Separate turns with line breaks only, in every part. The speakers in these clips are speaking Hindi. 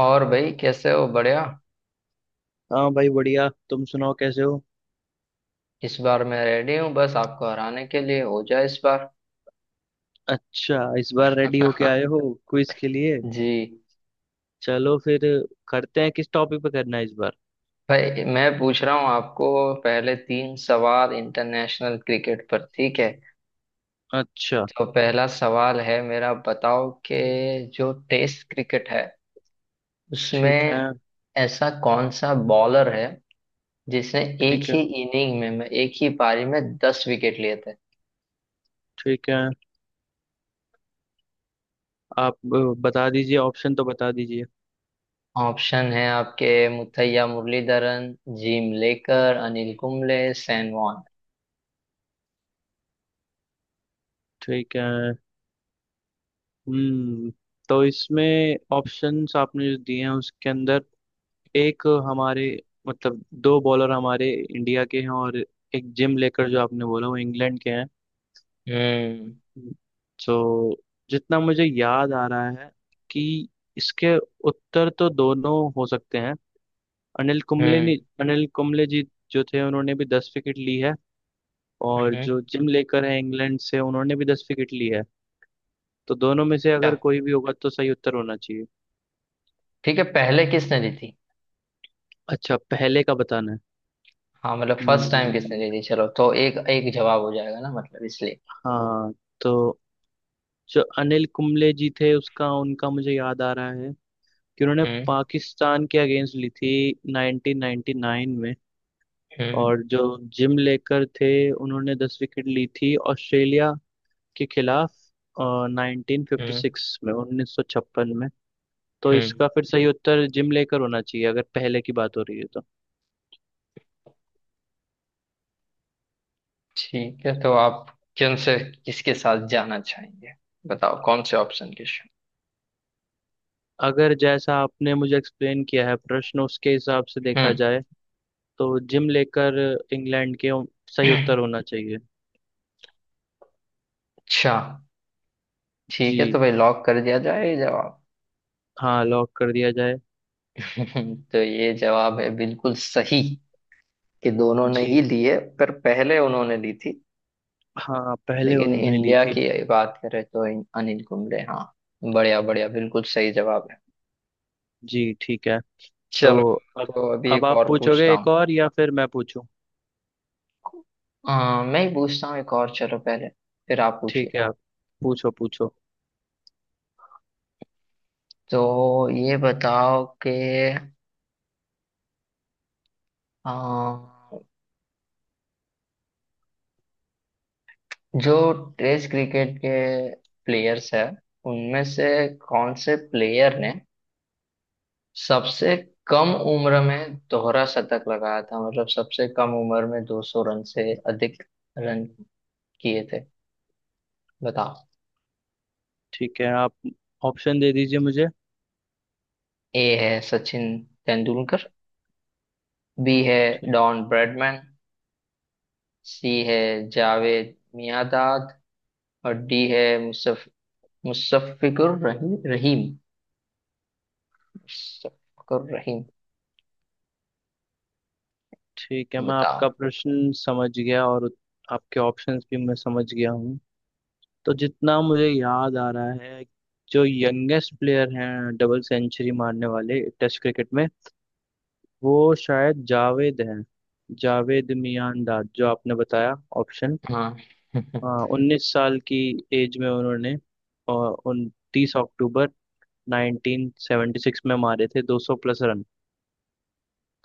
और भाई कैसे हो। बढ़िया।
हाँ भाई, बढ़िया। तुम सुनाओ, कैसे हो?
इस बार मैं रेडी हूँ बस आपको हराने के लिए। हो जाए इस बार।
अच्छा, इस बार रेडी होके आए हो? क्विज के लिए?
जी।
चलो फिर, करते हैं। किस टॉपिक पे करना है इस बार?
भाई मैं पूछ रहा हूँ आपको। पहले तीन सवाल इंटरनेशनल क्रिकेट पर, ठीक है।
अच्छा।
तो पहला सवाल है मेरा, बताओ कि जो टेस्ट क्रिकेट है
ठीक
उसमें
है।
ऐसा कौन सा बॉलर है जिसने एक
ठीक है।
ही इनिंग एक ही पारी में दस विकेट लिए।
ठीक है, आप बता दीजिए, ऑप्शन तो बता दीजिए।
ऑप्शन है आपके — मुथैया मुरलीधरन, जिम लेकर, अनिल कुंबले, सैन वॉन।
ठीक है। हम्म तो इसमें ऑप्शंस आपने जो दिए हैं उसके अंदर एक हमारे, मतलब दो बॉलर हमारे इंडिया के हैं और एक जिम लेकर जो आपने बोला वो इंग्लैंड के हैं।
हम्म।
तो जितना मुझे याद आ रहा है कि इसके उत्तर तो दोनों हो सकते हैं। अनिल कुंबले
हम्म।
ने अनिल कुंबले जी जो थे, उन्होंने भी 10 विकेट ली है, और
हम्म।
जो जिम लेकर है इंग्लैंड से, उन्होंने भी 10 विकेट ली है। तो दोनों में से
अच्छा
अगर कोई भी होगा तो सही उत्तर होना चाहिए।
ठीक है, पहले किसने दी थी?
अच्छा, पहले का बताना है।
हाँ मतलब फर्स्ट टाइम किसने
हम्म,
दी थी, चलो तो एक एक जवाब हो जाएगा ना, मतलब इसलिए।
हाँ। तो जो अनिल कुंबले जी थे उसका उनका मुझे याद आ रहा है कि उन्होंने
हम्म।
पाकिस्तान के अगेंस्ट ली थी 1999 में।
हम्म।
और जो जिम लेकर थे, उन्होंने 10 विकेट ली थी ऑस्ट्रेलिया के खिलाफ नाइनटीन फिफ्टी
हम्म।
सिक्स में, 1956 में। तो
हम्म।
इसका फिर सही उत्तर जिम लेकर होना चाहिए अगर पहले की बात हो रही है तो।
ठीक है तो आप किन से किसके साथ जाना चाहेंगे, बताओ कौन से ऑप्शन के साथ?
अगर जैसा आपने मुझे एक्सप्लेन किया है प्रश्न, उसके हिसाब से देखा
हम्म।
जाए, तो जिम लेकर, इंग्लैंड के, सही उत्तर होना चाहिए।
अच्छा ठीक
जी,
है, तो भाई लॉक कर दिया जाए ये जवाब।
हाँ, लॉक कर दिया जाए।
तो ये जवाब है बिल्कुल सही कि दोनों ने
जी,
ही लिए पर पहले उन्होंने ली थी।
हाँ, पहले
लेकिन
उन्होंने ली
इंडिया
थी।
की बात करें तो अनिल कुंबले। हाँ, बढ़िया बढ़िया, बिल्कुल सही जवाब है।
जी, ठीक है। तो
चलो,
अब,
तो अभी एक
आप
और
पूछोगे
पूछता
एक
हूँ।
और या फिर मैं पूछूं?
मैं ही पूछता हूँ एक और, चलो पहले फिर आप पूछिए।
ठीक है, आप पूछो पूछो।
तो ये बताओ कि अ, जो टेस्ट क्रिकेट के प्लेयर्स हैं उनमें से कौन से प्लेयर ने सबसे कम उम्र में दोहरा शतक लगाया था, मतलब सबसे कम उम्र में 200 रन से अधिक रन किए थे, बताओ।
ठीक है, आप ऑप्शन दे दीजिए मुझे।
ए है सचिन तेंदुलकर, बी है
ठीक।
डॉन ब्रैडमैन, सी है जावेद मियांदाद, और डी है मुसफ मुशफ़िकुर रहीम। मुशफ़िकुर रहीम।
ठीक है, मैं
बताओ।
आपका प्रश्न समझ गया और आपके ऑप्शंस भी मैं समझ गया हूँ। तो जितना मुझे याद आ रहा है, जो यंगेस्ट प्लेयर हैं डबल सेंचुरी मारने वाले टेस्ट क्रिकेट में, वो शायद जावेद हैं, जावेद मियांदाद जो आपने बताया ऑप्शन।
हाँ।
19 साल की एज में उन्होंने 29 अक्टूबर 1976 में मारे थे 200 प्लस रन।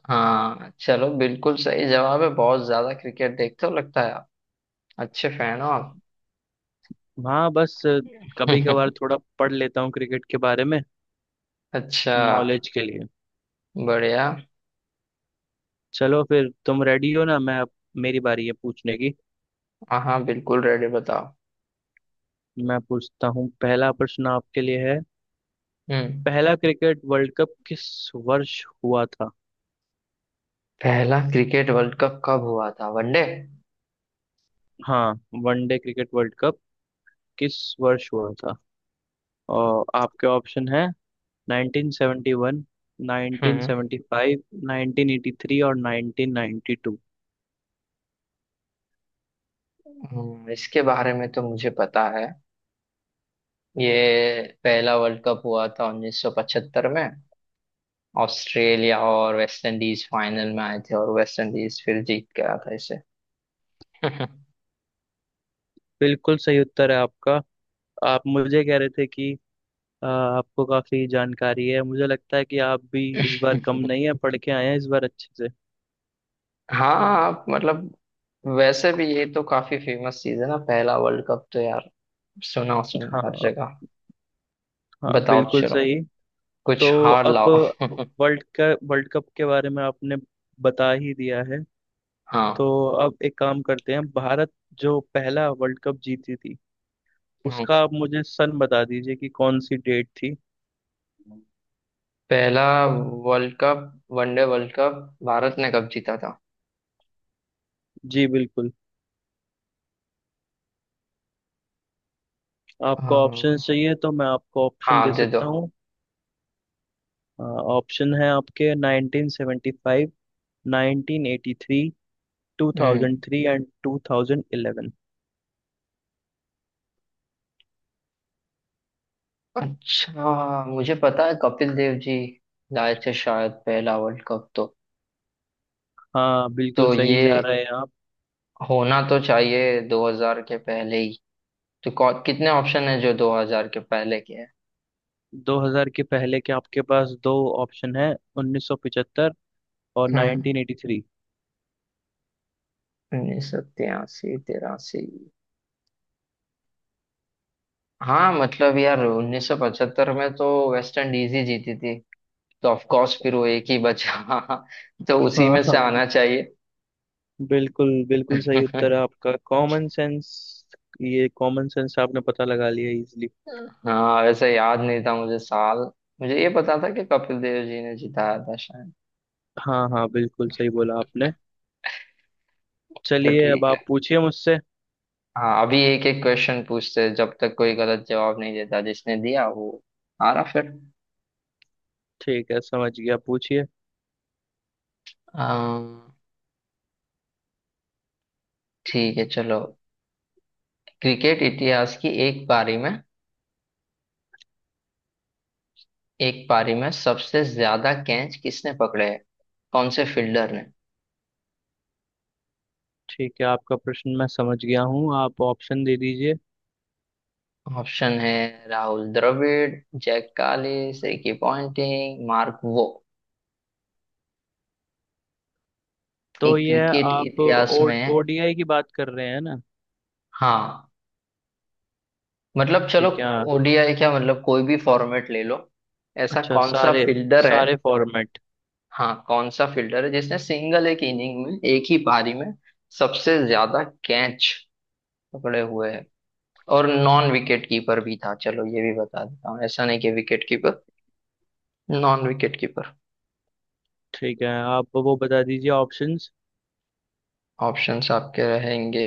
हाँ चलो बिल्कुल सही जवाब है, बहुत ज्यादा क्रिकेट देखते हो लगता है आप, अच्छे फैन हो आप।
हाँ, बस कभी कभार थोड़ा पढ़ लेता हूँ क्रिकेट के बारे में,
अच्छा।
नॉलेज के लिए।
बढ़िया।
चलो फिर, तुम रेडी हो ना? मैं अब, मेरी बारी है पूछने की।
हाँ हाँ, बिल्कुल रेडी, बताओ।
मैं पूछता हूँ, पहला प्रश्न आपके लिए है।
हम्म।
पहला क्रिकेट वर्ल्ड कप किस वर्ष हुआ था?
पहला क्रिकेट वर्ल्ड कप कब हुआ था, वनडे?
हाँ, वनडे क्रिकेट वर्ल्ड कप किस वर्ष हुआ था? और आपके ऑप्शन है 1971,
हम्म।
1975, 1983 और 1992।
इसके बारे में तो मुझे पता है। ये पहला वर्ल्ड कप हुआ था 1975 में, ऑस्ट्रेलिया और वेस्ट इंडीज फाइनल में आए थे और वेस्ट इंडीज फिर जीत गया था इसे।
बिल्कुल सही उत्तर है आपका। आप मुझे कह रहे थे कि आपको काफी जानकारी है। मुझे लगता है कि आप भी इस बार कम नहीं है, पढ़ के आए हैं इस बार अच्छे से।
हाँ। आप मतलब, वैसे भी ये तो काफी फेमस चीज है ना, पहला वर्ल्ड कप तो यार, सुना सुना है हर
हाँ,
जगह।
हाँ,
बताओ
बिल्कुल
चलो,
सही। तो
कुछ हार
अब
लाओ।
वर्ल्ड का वर्ल्ड कप के बारे में आपने बता ही दिया है। तो
हाँ।
अब एक काम करते हैं, भारत जो पहला वर्ल्ड कप जीती थी
हम्म।
उसका आप मुझे सन बता दीजिए कि कौन सी डेट थी।
पहला world cup, one day world cup, भारत ने कब जीता था?
जी बिल्कुल, आपको ऑप्शन
हाँ
चाहिए तो मैं आपको ऑप्शन दे
हाँ, दे दो।
सकता हूँ। ऑप्शन है आपके 1975, 1983,
हम्म।
2003 एंड 2011।
अच्छा मुझे पता है कपिल देव जी लाए थे शायद पहला वर्ल्ड कप।
हाँ, बिल्कुल
तो
सही
ये
जा रहे हैं आप।
होना तो चाहिए 2000 के पहले ही, तो कितने ऑप्शन है जो 2000 के पहले के हैं?
2000 के पहले के आपके पास दो ऑप्शन है, 1975 और
हम्म।
1983।
1983, तिरासी। हाँ मतलब यार 1975 में तो वेस्ट इंडीज ही जीती थी, तो ऑफ कोर्स फिर वो एक ही बचा। तो उसी
हाँ,
में से आना
हाँ,
चाहिए।
बिल्कुल बिल्कुल सही उत्तर है आपका, कॉमन सेंस। ये कॉमन सेंस आपने पता लगा लिया इजीली।
हाँ वैसे याद नहीं था मुझे साल, मुझे ये पता था कि कपिल देव जी ने जिताया था शायद।
हाँ, हाँ, बिल्कुल सही बोला आपने।
तो
चलिए, अब
ठीक है।
आप पूछिए मुझसे।
हाँ अभी एक एक क्वेश्चन पूछते हैं जब तक कोई गलत जवाब नहीं देता, जिसने दिया वो हारा फिर।
ठीक है, समझ गया, पूछिए।
अम, ठीक है चलो। क्रिकेट इतिहास की एक पारी में, एक पारी में सबसे ज्यादा कैच किसने पकड़े हैं, कौन से फील्डर?
ठीक है, आपका प्रश्न मैं समझ गया हूँ, आप ऑप्शन दे दीजिए।
ऑप्शन है Rahul Dravid, Jacques Kallis, Ricky Ponting, Mark Waugh.
तो
एक
ये,
क्रिकेट
आप
इतिहास
ओ
में।
ओडीआई की बात कर रहे हैं ना?
हाँ मतलब चलो।
ठीक है, हाँ।
ओडीआई क्या, मतलब कोई भी फॉर्मेट ले लो, ऐसा
अच्छा,
कौन सा
सारे
फील्डर है।
सारे फॉर्मेट।
हाँ कौन सा फील्डर है जिसने सिंगल एक इनिंग में एक ही पारी में सबसे ज्यादा कैच पकड़े हुए हैं, और नॉन विकेट कीपर भी था, चलो ये भी बता देता हूँ, ऐसा नहीं कि wicket keeper, non wicket keeper.
ठीक है, आप वो बता दीजिए, ऑप्शंस।
ऑप्शंस आपके रहेंगे —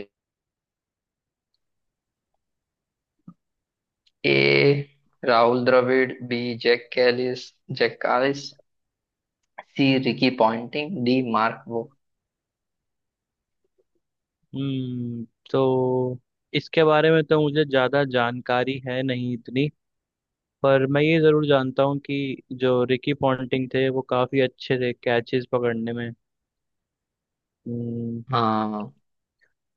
ए Rahul Dravid, B Jacques Kallis, Jacques Kallis, C Ricky Ponting, D Mark Waugh.
हम्म तो इसके बारे में तो मुझे ज़्यादा जानकारी है नहीं इतनी, पर मैं ये ज़रूर जानता हूँ कि जो रिकी पॉन्टिंग थे वो काफ़ी अच्छे थे कैचेस पकड़ने में। हम्म
हाँ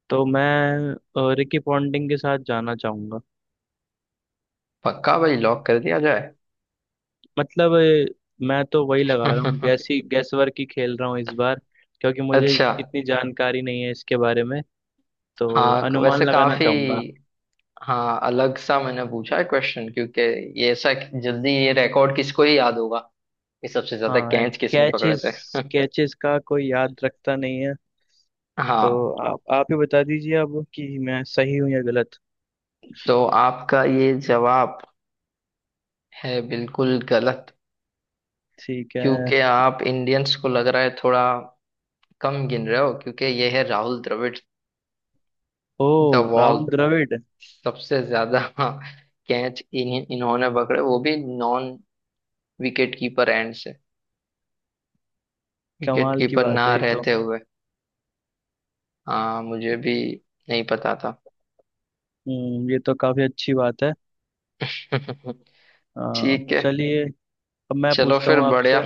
तो मैं, रिकी पॉन्टिंग के साथ जाना चाहूँगा।
पक्का भाई, लॉक कर दिया जाए।
मतलब मैं तो वही लगा रहा हूँ, गैस ही गैस वर्क ही खेल रहा हूँ इस बार, क्योंकि मुझे
अच्छा।
इतनी जानकारी नहीं है इसके बारे में। तो
हाँ
अनुमान
वैसे
लगाना
काफी,
चाहूंगा।
हाँ अलग सा मैंने पूछा है क्वेश्चन, क्योंकि ये ऐसा जल्दी ये रिकॉर्ड किसको ही याद होगा कि सबसे ज्यादा
हाँ,
कैच किसने पकड़े थे।
कैचेस कैचेस का कोई याद रखता नहीं है। तो
हाँ।
आप ही बता दीजिए अब कि मैं सही हूँ या गलत।
तो आपका ये जवाब है बिल्कुल गलत,
ठीक है।
क्योंकि आप इंडियंस को लग रहा है थोड़ा कम गिन रहे हो, क्योंकि ये है Rahul Dravid
oh,
the wall,
Rahul Dravid.
सबसे ज्यादा कैच इन्हीं इन्होंने पकड़े, वो भी नॉन विकेट कीपर एंड से, विकेट
कमाल की
कीपर
बात
ना
है ये तो।
रहते हुए। हाँ मुझे भी नहीं पता था।
ये तो काफी अच्छी बात है। हाँ,
ठीक है
चलिए। अब मैं
चलो
पूछता
फिर,
हूँ
बढ़िया।
आपसे।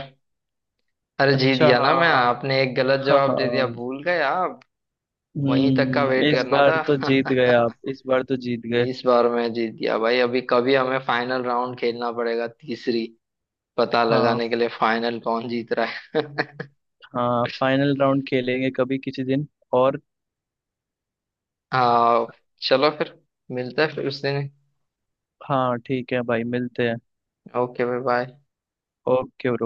अरे जीत
अच्छा,
गया ना मैं,
हाँ,
आपने एक गलत
हाँ,
जवाब दे दिया,
हाँ।
भूल गए आप। वहीं तक का वेट
इस
करना
बार
था।
तो जीत गए आप, इस बार तो जीत गए।
इस बार मैं जीत गया भाई, अभी कभी हमें फाइनल राउंड खेलना पड़ेगा तीसरी, पता
हाँ,
लगाने के लिए फाइनल कौन जीत रहा है।
हाँ फाइनल राउंड खेलेंगे कभी किसी दिन। और
हाँ चलो फिर, मिलता है फिर उस दिन।
हाँ, ठीक है भाई, मिलते हैं।
Okay bye bye.
Okay, bro.